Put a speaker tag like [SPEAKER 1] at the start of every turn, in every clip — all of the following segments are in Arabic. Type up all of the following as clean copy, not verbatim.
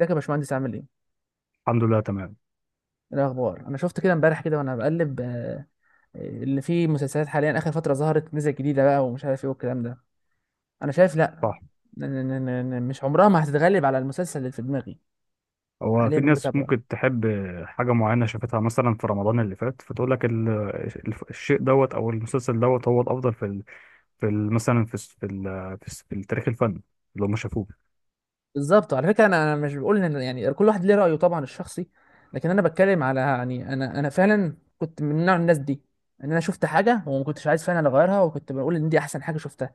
[SPEAKER 1] ازيك يا باشمهندس عامل ايه؟
[SPEAKER 2] الحمد لله، تمام.
[SPEAKER 1] ايه الاخبار؟ انا شفت كده امبارح كده وانا بقلب اللي فيه مسلسلات حاليا اخر فتره ظهرت نزل جديده بقى ومش عارف ايه والكلام ده. انا شايف لا.
[SPEAKER 2] صح.
[SPEAKER 1] مش عمرها ما هتتغلب على المسلسل اللي في دماغي.
[SPEAKER 2] هو
[SPEAKER 1] حاليا
[SPEAKER 2] في
[SPEAKER 1] انا
[SPEAKER 2] ناس
[SPEAKER 1] بتابعه.
[SPEAKER 2] ممكن تحب حاجة معينة شافتها مثلا في رمضان اللي فات فتقول لك الشيء دوت أو المسلسل دوت هو الأفضل في مثلا في التاريخ الفني اللي هم شافوه.
[SPEAKER 1] بالظبط على فكره، انا مش بقول ان يعني كل واحد ليه رايه طبعا الشخصي، لكن انا بتكلم على يعني انا فعلا كنت من نوع الناس دي، ان انا شفت حاجه وما كنتش عايز فعلا اغيرها وكنت بقول ان دي احسن حاجه شفتها.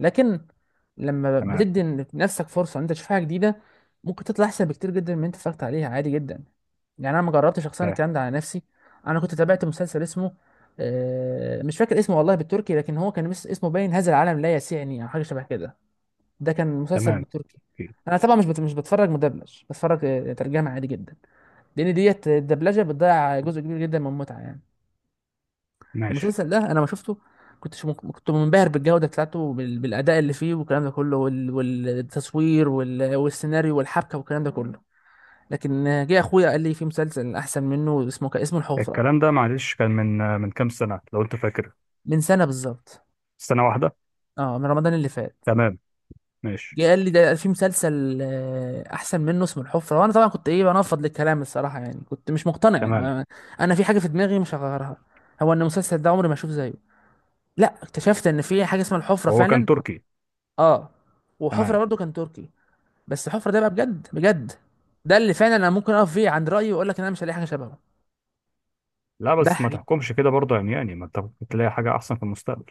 [SPEAKER 1] لكن لما
[SPEAKER 2] تمام،
[SPEAKER 1] بتدي لنفسك فرصه ان انت تشوف حاجه جديده، ممكن تطلع احسن بكتير جدا من اللي انت اتفرجت عليها عادي جدا. يعني انا ما جربتش شخصيا
[SPEAKER 2] فاهم.
[SPEAKER 1] الكلام ده على نفسي. انا كنت تابعت مسلسل اسمه مش فاكر اسمه والله بالتركي، لكن هو كان اسمه باين هذا العالم لا يسعني او حاجه شبه كده. ده كان مسلسل
[SPEAKER 2] تمام،
[SPEAKER 1] بالتركي.
[SPEAKER 2] أوكي.
[SPEAKER 1] انا طبعا مش بتفرج مدبلج، بتفرج ترجمه عادي جدا، لان ديت الدبلجه بتضيع جزء كبير جدا من المتعه يعني.
[SPEAKER 2] ماشي.
[SPEAKER 1] المسلسل ده انا ما شفته، كنت منبهر بالجوده بتاعته بالاداء اللي فيه والكلام ده كله والتصوير والسيناريو والحبكه والكلام ده كله. لكن جه اخويا قال لي في مسلسل احسن منه اسمه اسمه الحفره.
[SPEAKER 2] الكلام ده معلش كان من كام سنة لو أنت فاكر؟
[SPEAKER 1] من سنه بالظبط.
[SPEAKER 2] سنة واحدة.
[SPEAKER 1] اه، من رمضان اللي فات.
[SPEAKER 2] تمام، ماشي،
[SPEAKER 1] جه قال لي ده في مسلسل احسن منه اسمه الحفره، وانا طبعا كنت ايه بنفض للكلام الصراحه يعني، كنت مش مقتنع
[SPEAKER 2] تمام.
[SPEAKER 1] ما- انا في حاجه في دماغي مش هغيرها، هو ان المسلسل ده عمري ما اشوف زيه. لا، اكتشفت ان في حاجه اسمها الحفره
[SPEAKER 2] هو
[SPEAKER 1] فعلا.
[SPEAKER 2] كان تركي؟
[SPEAKER 1] اه. وحفره
[SPEAKER 2] تمام.
[SPEAKER 1] برضو كان تركي. بس حفرة ده بقى بجد بجد، ده اللي فعلا انا ممكن اقف فيه عند رايي واقول لك ان انا مش هلاقي حاجه شبهه.
[SPEAKER 2] لا،
[SPEAKER 1] ده
[SPEAKER 2] بس ما
[SPEAKER 1] حقيقي.
[SPEAKER 2] تحكمش كده برضه، يعني ما أنت ممكن تلاقي حاجة أحسن في المستقبل.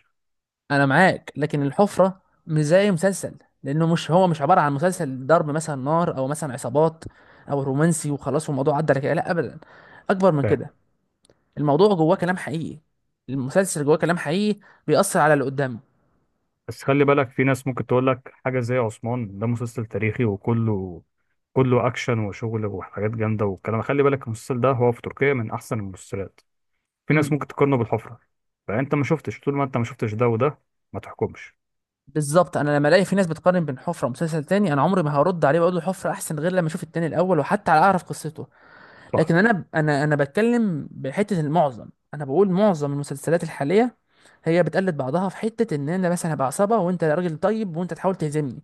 [SPEAKER 1] انا معاك، لكن الحفره مش زي مسلسل، لانه مش هو مش عباره عن مسلسل ضرب مثلا نار او مثلا عصابات او رومانسي وخلاص والموضوع عدى على كده، لا ابدا، اكبر من كده. الموضوع جواه كلام حقيقي. المسلسل جواه كلام حقيقي، بيأثر على اللي قدامه.
[SPEAKER 2] بس خلي بالك، في ناس ممكن تقول لك حاجة زي عثمان، ده مسلسل تاريخي، وكله كله أكشن وشغل وحاجات جامدة والكلام. خلي بالك المسلسل ده هو في تركيا من أحسن المسلسلات، في ناس
[SPEAKER 1] امم.
[SPEAKER 2] ممكن تقارنه بالحفرة. فأنت ما شفتش، طول ما أنت ما شفتش ده وده ما تحكمش.
[SPEAKER 1] بالظبط. انا لما الاقي في ناس بتقارن بين حفره ومسلسل تاني، انا عمري ما هرد عليه واقول له حفره احسن غير لما اشوف التاني الاول وحتى على اعرف قصته.
[SPEAKER 2] صح.
[SPEAKER 1] لكن انا بتكلم بحته، المعظم انا بقول معظم المسلسلات الحاليه هي بتقلد بعضها في حته، ان انا مثلا هبقى عصابه وانت راجل طيب وانت تحاول تهزمني،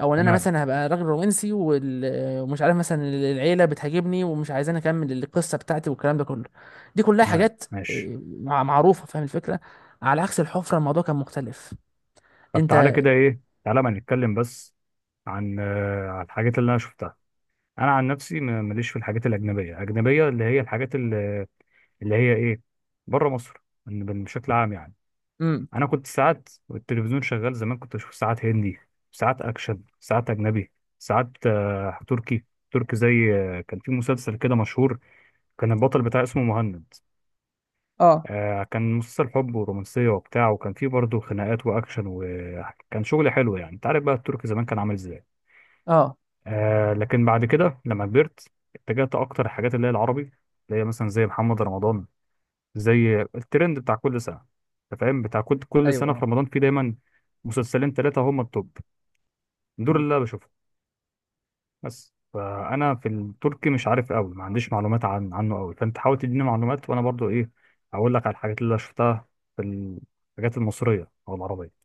[SPEAKER 1] او ان انا
[SPEAKER 2] تمام.
[SPEAKER 1] مثلا هبقى راجل رومانسي ومش عارف مثلا العيله بتهاجمني ومش عايزاني اكمل القصه بتاعتي والكلام ده كله. دي كلها
[SPEAKER 2] تمام،
[SPEAKER 1] حاجات
[SPEAKER 2] ماشي.
[SPEAKER 1] معروفه، فاهم الفكره. على عكس الحفره الموضوع كان مختلف.
[SPEAKER 2] طب تعالى
[SPEAKER 1] انت.
[SPEAKER 2] كده إيه، تعالى ما نتكلم بس عن عن الحاجات اللي أنا شفتها. أنا عن نفسي ماليش في الحاجات الأجنبية، أجنبية اللي هي الحاجات اللي هي إيه، بره مصر، بشكل عام يعني.
[SPEAKER 1] امم.
[SPEAKER 2] انا كنت ساعات والتلفزيون شغال زمان كنت بشوف ساعات هندي، ساعات اكشن، ساعات اجنبي، ساعات تركي. تركي زي كان في مسلسل كده مشهور، كان البطل بتاعه اسمه مهند.
[SPEAKER 1] اه.
[SPEAKER 2] كان مسلسل حب ورومانسية وبتاع، وكان فيه برضه خناقات واكشن، وكان شغل حلو يعني. انت عارف بقى التركي زمان كان عامل ازاي.
[SPEAKER 1] اه.
[SPEAKER 2] لكن بعد كده لما كبرت اتجهت اكتر الحاجات اللي هي العربي، اللي هي مثلا زي محمد رمضان، زي الترند بتاع كل سنه. انت فاهم، بتاع كل سنه
[SPEAKER 1] ايوه.
[SPEAKER 2] في رمضان في دايما مسلسلين ثلاثه هم التوب، دول
[SPEAKER 1] اه.
[SPEAKER 2] اللي انا بشوفهم. بس فانا في التركي مش عارف قوي، ما عنديش معلومات عنه قوي، فانت حاول تديني معلومات وانا برضو ايه، اقول لك على الحاجات اللي أنا شفتها في الحاجات المصريه او العربيه.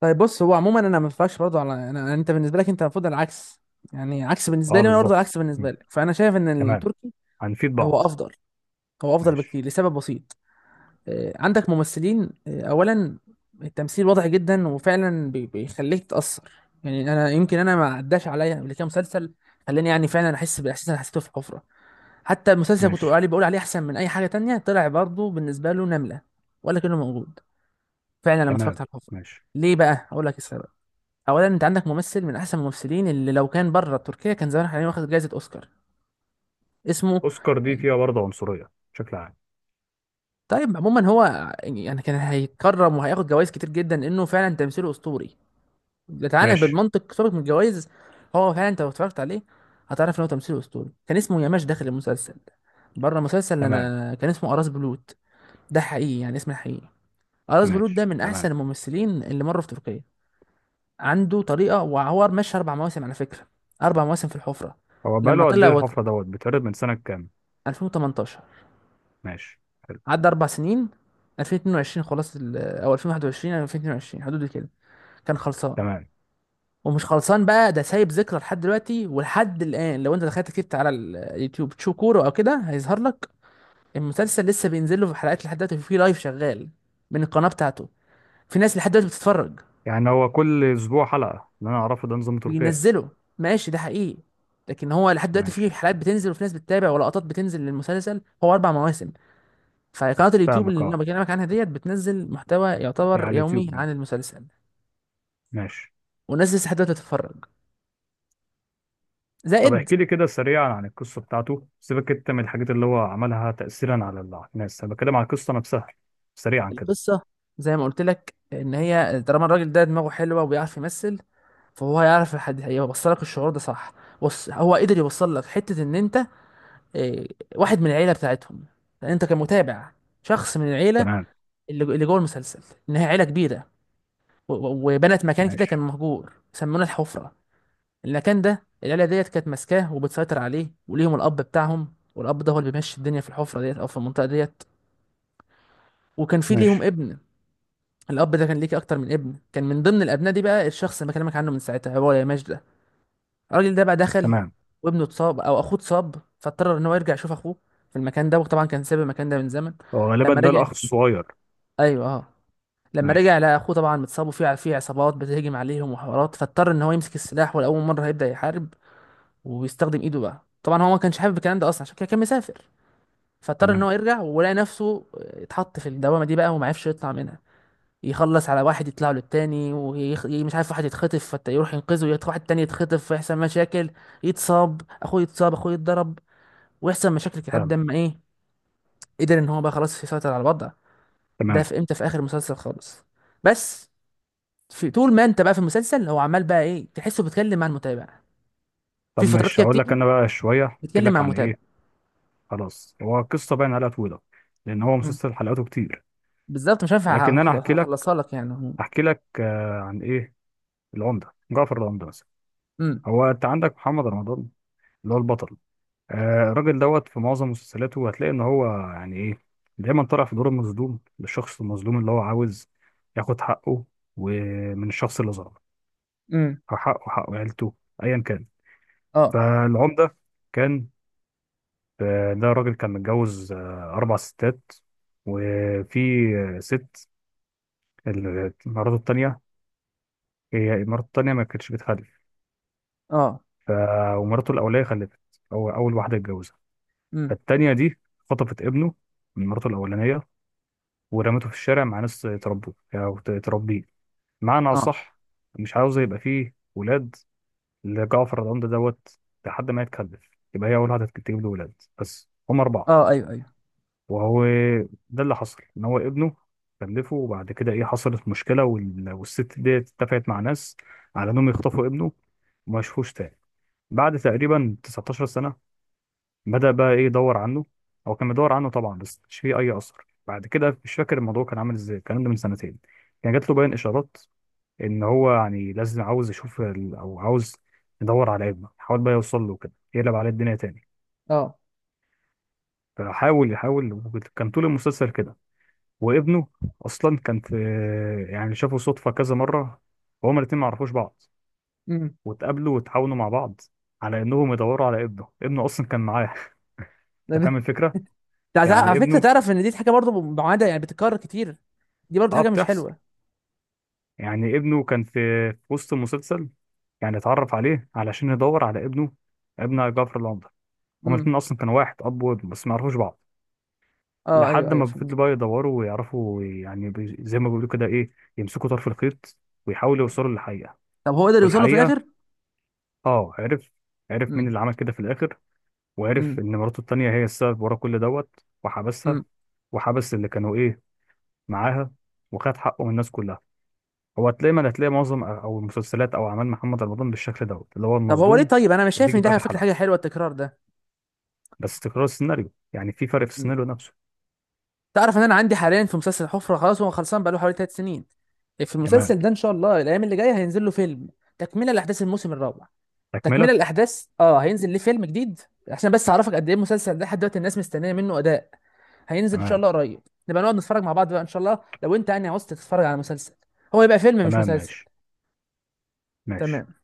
[SPEAKER 1] طيب بص هو عموما، انا ما ينفعش برضه انت بالنسبه لك انت المفروض العكس، يعني عكس بالنسبه
[SPEAKER 2] اه،
[SPEAKER 1] لي وانا برضه
[SPEAKER 2] بالظبط.
[SPEAKER 1] العكس بالنسبه لك، فانا شايف ان
[SPEAKER 2] تمام،
[SPEAKER 1] التركي
[SPEAKER 2] هنفيد
[SPEAKER 1] هو
[SPEAKER 2] بعض.
[SPEAKER 1] افضل. هو افضل
[SPEAKER 2] ماشي.
[SPEAKER 1] بكتير لسبب بسيط. عندك ممثلين، اولا التمثيل واضح جدا وفعلا بيخليك تتاثر. يعني انا يمكن انا ما عداش عليا قبل كده مسلسل خلاني يعني فعلا احس بالاحساس اللي أنا حسيته في حفره. حتى المسلسل كنت بقول
[SPEAKER 2] ماشي.
[SPEAKER 1] عليه بقول عليه احسن من اي حاجه تانية، طلع برضه بالنسبه له نمله، ولا كانه موجود، فعلا لما اتفرجت
[SPEAKER 2] تمام،
[SPEAKER 1] على الحفره.
[SPEAKER 2] ماشي.
[SPEAKER 1] ليه بقى؟ اقول لك السبب. اولا انت عندك ممثل من احسن الممثلين، اللي لو كان بره تركيا كان زمان حاليا واخد جائزه اوسكار. اسمه
[SPEAKER 2] اوسكار دي فيها برضه عنصريه بشكل عام.
[SPEAKER 1] طيب عموما هو يعني كان هيتكرم وهياخد جوائز كتير جدا لانه فعلا تمثيله اسطوري. تعالى
[SPEAKER 2] ماشي.
[SPEAKER 1] بالمنطق، سيبك من الجوائز. هو فعلا انت لو اتفرجت عليه هتعرف ان هو تمثيله اسطوري. كان اسمه ياماش داخل المسلسل، بره المسلسل
[SPEAKER 2] تمام،
[SPEAKER 1] انا كان اسمه اراس بلوت. ده حقيقي يعني، اسمه حقيقي. اراس بلوت
[SPEAKER 2] ماشي.
[SPEAKER 1] ده من احسن
[SPEAKER 2] تمام.
[SPEAKER 1] الممثلين اللي مروا في تركيا. عنده طريقه، وهو ماشي 4 مواسم على فكره. 4 مواسم في الحفره.
[SPEAKER 2] هو
[SPEAKER 1] لما
[SPEAKER 2] بقاله قد
[SPEAKER 1] طلع
[SPEAKER 2] ايه الحفرة دوت بيتعرض، من سنة كام؟
[SPEAKER 1] 2018،
[SPEAKER 2] ماشي، حلو.
[SPEAKER 1] عدى 4 سنين، 2022 خلاص، او 2021 او 2022 حدود كده، كان خلصان.
[SPEAKER 2] تمام.
[SPEAKER 1] ومش خلصان بقى، ده سايب ذكرى لحد دلوقتي ولحد الان. لو انت دخلت كتبت على اليوتيوب تشوف كوره او كده هيظهر لك. المسلسل لسه بينزل له في حلقات لحد دلوقتي، في لايف شغال من القناه بتاعته. في ناس لحد دلوقتي بتتفرج.
[SPEAKER 2] يعني هو كل اسبوع حلقة، اللي انا اعرفه ده نظام تركيا.
[SPEAKER 1] بينزله. ماشي، ده حقيقي. لكن هو لحد دلوقتي في
[SPEAKER 2] ماشي.
[SPEAKER 1] حلقات بتنزل وفي ناس بتتابع ولقطات بتنزل للمسلسل، هو 4 مواسم. فقناة اليوتيوب
[SPEAKER 2] فاهمك،
[SPEAKER 1] اللي انا
[SPEAKER 2] اه.
[SPEAKER 1] بكلمك عنها ديت بتنزل محتوى
[SPEAKER 2] هي
[SPEAKER 1] يعتبر
[SPEAKER 2] على
[SPEAKER 1] يومي
[SPEAKER 2] اليوتيوب يعني؟
[SPEAKER 1] عن المسلسل.
[SPEAKER 2] ماشي.
[SPEAKER 1] والناس لسه حتى تتفرج.
[SPEAKER 2] طب
[SPEAKER 1] زائد.
[SPEAKER 2] احكي لي كده سريعا عن القصة بتاعته، سيبك انت من الحاجات اللي هو عملها تأثيرا على الناس، انا بتكلم عن القصة نفسها، سريعا كده.
[SPEAKER 1] القصة، زي ما قلت لك، ان هي طالما الراجل ده دماغه حلوة وبيعرف يمثل، فهو هيعرف الحد هيوصل لك الشعور ده صح. بص هو قدر يوصل لك حتة ان انت إيه، واحد من العيلة بتاعتهم. لان انت كمتابع شخص من العيلة،
[SPEAKER 2] تمام.
[SPEAKER 1] اللي جوه المسلسل، انها عيلة كبيرة، وبنت مكان كده كان
[SPEAKER 2] ماشي.
[SPEAKER 1] مهجور سمونا الحفرة. المكان ده العيله ديت كانت ماسكاه وبتسيطر عليه، وليهم الاب بتاعهم، والاب ده هو اللي بيمشي الدنيا في الحفره ديت او في المنطقه ديت. وكان في ليهم
[SPEAKER 2] ماشي.
[SPEAKER 1] ابن. الاب ده كان ليك اكتر من ابن، كان من ضمن الابناء دي بقى الشخص اللي بكلمك عنه من ساعتها، هو يا ماجد ده. الراجل ده بقى دخل،
[SPEAKER 2] تمام.
[SPEAKER 1] وابنه اتصاب او اخوه اتصاب، فاضطر ان هو يرجع يشوف اخوه في المكان ده، وطبعا كان ساب المكان ده من زمن.
[SPEAKER 2] هو غالبا
[SPEAKER 1] لما
[SPEAKER 2] ده
[SPEAKER 1] رجع.
[SPEAKER 2] الاخ الصغير.
[SPEAKER 1] ايوه، اه. لما رجع
[SPEAKER 2] ماشي.
[SPEAKER 1] لقى اخوه طبعا متصاب، وفي عصابات بتهجم عليهم وحوارات، فاضطر ان هو يمسك السلاح ولاول مره هيبدا يحارب، وبيستخدم ايده بقى. طبعا هو ما كانش حابب الكلام ده اصلا، عشان كده كان مسافر، فاضطر ان
[SPEAKER 2] تمام.
[SPEAKER 1] هو يرجع ولقى نفسه اتحط في الدوامه دي بقى وما عرفش يطلع منها. يخلص على واحد يطلع له التاني مش عارف، واحد يتخطف فيروح ينقذه، يروح واحد تاني يتخطف فيحصل مشاكل، يتصاب اخوه، يتصاب اخوه، يتضرب، ويحصل مشاكل كده لحد ما
[SPEAKER 2] فاهمك.
[SPEAKER 1] ايه قدر ان هو بقى خلاص يسيطر على الوضع. ده
[SPEAKER 2] تمام.
[SPEAKER 1] في امتى؟ في اخر المسلسل خالص. بس في طول ما انت بقى في المسلسل هو عمال بقى ايه تحسه بيتكلم مع المتابع. في
[SPEAKER 2] طب
[SPEAKER 1] فترات
[SPEAKER 2] ماشي،
[SPEAKER 1] كده
[SPEAKER 2] هقول لك
[SPEAKER 1] بتيجي
[SPEAKER 2] انا بقى شوية، احكي
[SPEAKER 1] بيتكلم مع
[SPEAKER 2] لك عن
[SPEAKER 1] المتابع.
[SPEAKER 2] ايه. خلاص، هو قصة باين عليها طويلة لان هو
[SPEAKER 1] إمم.
[SPEAKER 2] مسلسل حلقاته كتير.
[SPEAKER 1] بالظبط، مش هينفع
[SPEAKER 2] لكن انا احكي لك،
[SPEAKER 1] هخلصها لك يعني.
[SPEAKER 2] احكي لك عن ايه، العمده، جعفر العمده مثلا.
[SPEAKER 1] امم.
[SPEAKER 2] هو انت عندك محمد رمضان اللي هو البطل. الراجل دوت في معظم مسلسلاته هتلاقي ان هو، يعني ايه، دايما طالع في دور المظلوم، للشخص المظلوم اللي هو عاوز ياخد حقه، ومن الشخص اللي ظلمه،
[SPEAKER 1] امم.
[SPEAKER 2] حقه، حق عيلته، ايا كان.
[SPEAKER 1] اه.
[SPEAKER 2] فالعمده كان ده راجل كان متجوز اربع ستات، وفي ست مراته التانيه، هي مراته التانيه ما كانتش بتخلف.
[SPEAKER 1] اه.
[SPEAKER 2] ف... ومراته الأولية خلفت، هو أول واحدة اتجوزها.
[SPEAKER 1] امم.
[SPEAKER 2] فالتانية دي خطفت ابنه من مراته الأولانية ورمته في الشارع مع ناس تربوه، أو تربيه، معنى
[SPEAKER 1] اه.
[SPEAKER 2] أصح، مش عاوزة يبقى فيه ولاد لجعفر العمدة دوت، لحد ما يتكلف، يبقى هي أول واحدة تجيب له ولاد، بس هم أربعة.
[SPEAKER 1] اه. ايوه. ايوه.
[SPEAKER 2] وهو ده اللي حصل، إن هو ابنه خلفه وبعد كده إيه، حصلت مشكلة والست دي اتفقت مع ناس على إنهم يخطفوا ابنه وما يشوفوش تاني. بعد تقريبا 19 سنة بدأ بقى ايه، يدور عنه. هو كان بيدور عنه طبعا، بس مش فيه اي اثر. بعد كده، مش فاكر الموضوع كان عامل ازاي، الكلام ده من سنتين، كان جات له باين اشارات ان هو يعني لازم، عاوز يشوف او عاوز يدور على ابنه، حاول بقى يوصل له كده، يقلب عليه الدنيا تاني.
[SPEAKER 1] اه.
[SPEAKER 2] فحاول يحاول كان طول المسلسل كده. وابنه اصلا كان في، يعني شافوا صدفه كذا مره وهما الاتنين ما عرفوش بعض،
[SPEAKER 1] امم.
[SPEAKER 2] واتقابلوا وتعاونوا مع بعض على انهم يدوروا على ابنه، ابنه اصلا كان معاه. انت فاهم الفكره،
[SPEAKER 1] على
[SPEAKER 2] يعني
[SPEAKER 1] فكره،
[SPEAKER 2] ابنه،
[SPEAKER 1] تعرف ان دي حاجه برضو معاده يعني بتتكرر كتير، دي برضو
[SPEAKER 2] اه،
[SPEAKER 1] حاجه مش
[SPEAKER 2] بتحصل.
[SPEAKER 1] حلوه.
[SPEAKER 2] يعني ابنه كان في وسط المسلسل، يعني اتعرف عليه علشان يدور على ابنه، ابن جعفر العمدة، هما
[SPEAKER 1] امم.
[SPEAKER 2] الاتنين أصلا كانوا واحد أب وابن بس ما يعرفوش بعض.
[SPEAKER 1] اه، ايوه،
[SPEAKER 2] لحد
[SPEAKER 1] ايوه،
[SPEAKER 2] ما فضلوا بقى
[SPEAKER 1] فهمتك.
[SPEAKER 2] يدوروا ويعرفوا، يعني زي ما بيقولوا كده، إيه، يمسكوا طرف الخيط ويحاولوا يوصلوا للحقيقة.
[SPEAKER 1] طب هو قدر يوصل له في
[SPEAKER 2] والحقيقة،
[SPEAKER 1] الاخر؟
[SPEAKER 2] آه، عرف، عرف مين
[SPEAKER 1] امم.
[SPEAKER 2] اللي عمل كده في الآخر، وعرف
[SPEAKER 1] امم.
[SPEAKER 2] إن مراته التانية هي السبب ورا كل دوت، وحبسها
[SPEAKER 1] امم.
[SPEAKER 2] وحبس اللي كانوا إيه معاها، وخد حقه من الناس كلها. هو هتلاقي، ما هتلاقي معظم او المسلسلات او اعمال محمد رمضان بالشكل دوت، اللي هو
[SPEAKER 1] طب هو
[SPEAKER 2] المظلوم
[SPEAKER 1] ليه؟ طيب انا مش
[SPEAKER 2] اللي
[SPEAKER 1] شايف ان
[SPEAKER 2] بيجي
[SPEAKER 1] دي
[SPEAKER 2] في
[SPEAKER 1] على
[SPEAKER 2] اخر
[SPEAKER 1] فكره حاجه
[SPEAKER 2] حلقه.
[SPEAKER 1] حلوه التكرار ده.
[SPEAKER 2] بس تكرار السيناريو، يعني في فرق في
[SPEAKER 1] امم.
[SPEAKER 2] السيناريو نفسه.
[SPEAKER 1] تعرف ان انا عندي حاليا في مسلسل حفره، خلاص هو خلصان بقاله حوالي 3 سنين. في
[SPEAKER 2] تمام،
[SPEAKER 1] المسلسل ده ان شاء الله الايام اللي جايه هينزل له فيلم، تكمله لاحداث الموسم الرابع. تكملة
[SPEAKER 2] تكمله.
[SPEAKER 1] الأحداث، هينزل ليه فيلم جديد، عشان بس أعرفك قد إيه المسلسل ده لحد دلوقتي الناس مستنية منه أداء. هينزل إن شاء
[SPEAKER 2] تمام.
[SPEAKER 1] الله قريب. نبقى نقعد نتفرج مع بعض بقى إن شاء الله لو أنت يعني عاوز تتفرج على مسلسل. هو يبقى فيلم مش
[SPEAKER 2] تمام،
[SPEAKER 1] مسلسل.
[SPEAKER 2] ماشي. ماشي.
[SPEAKER 1] تمام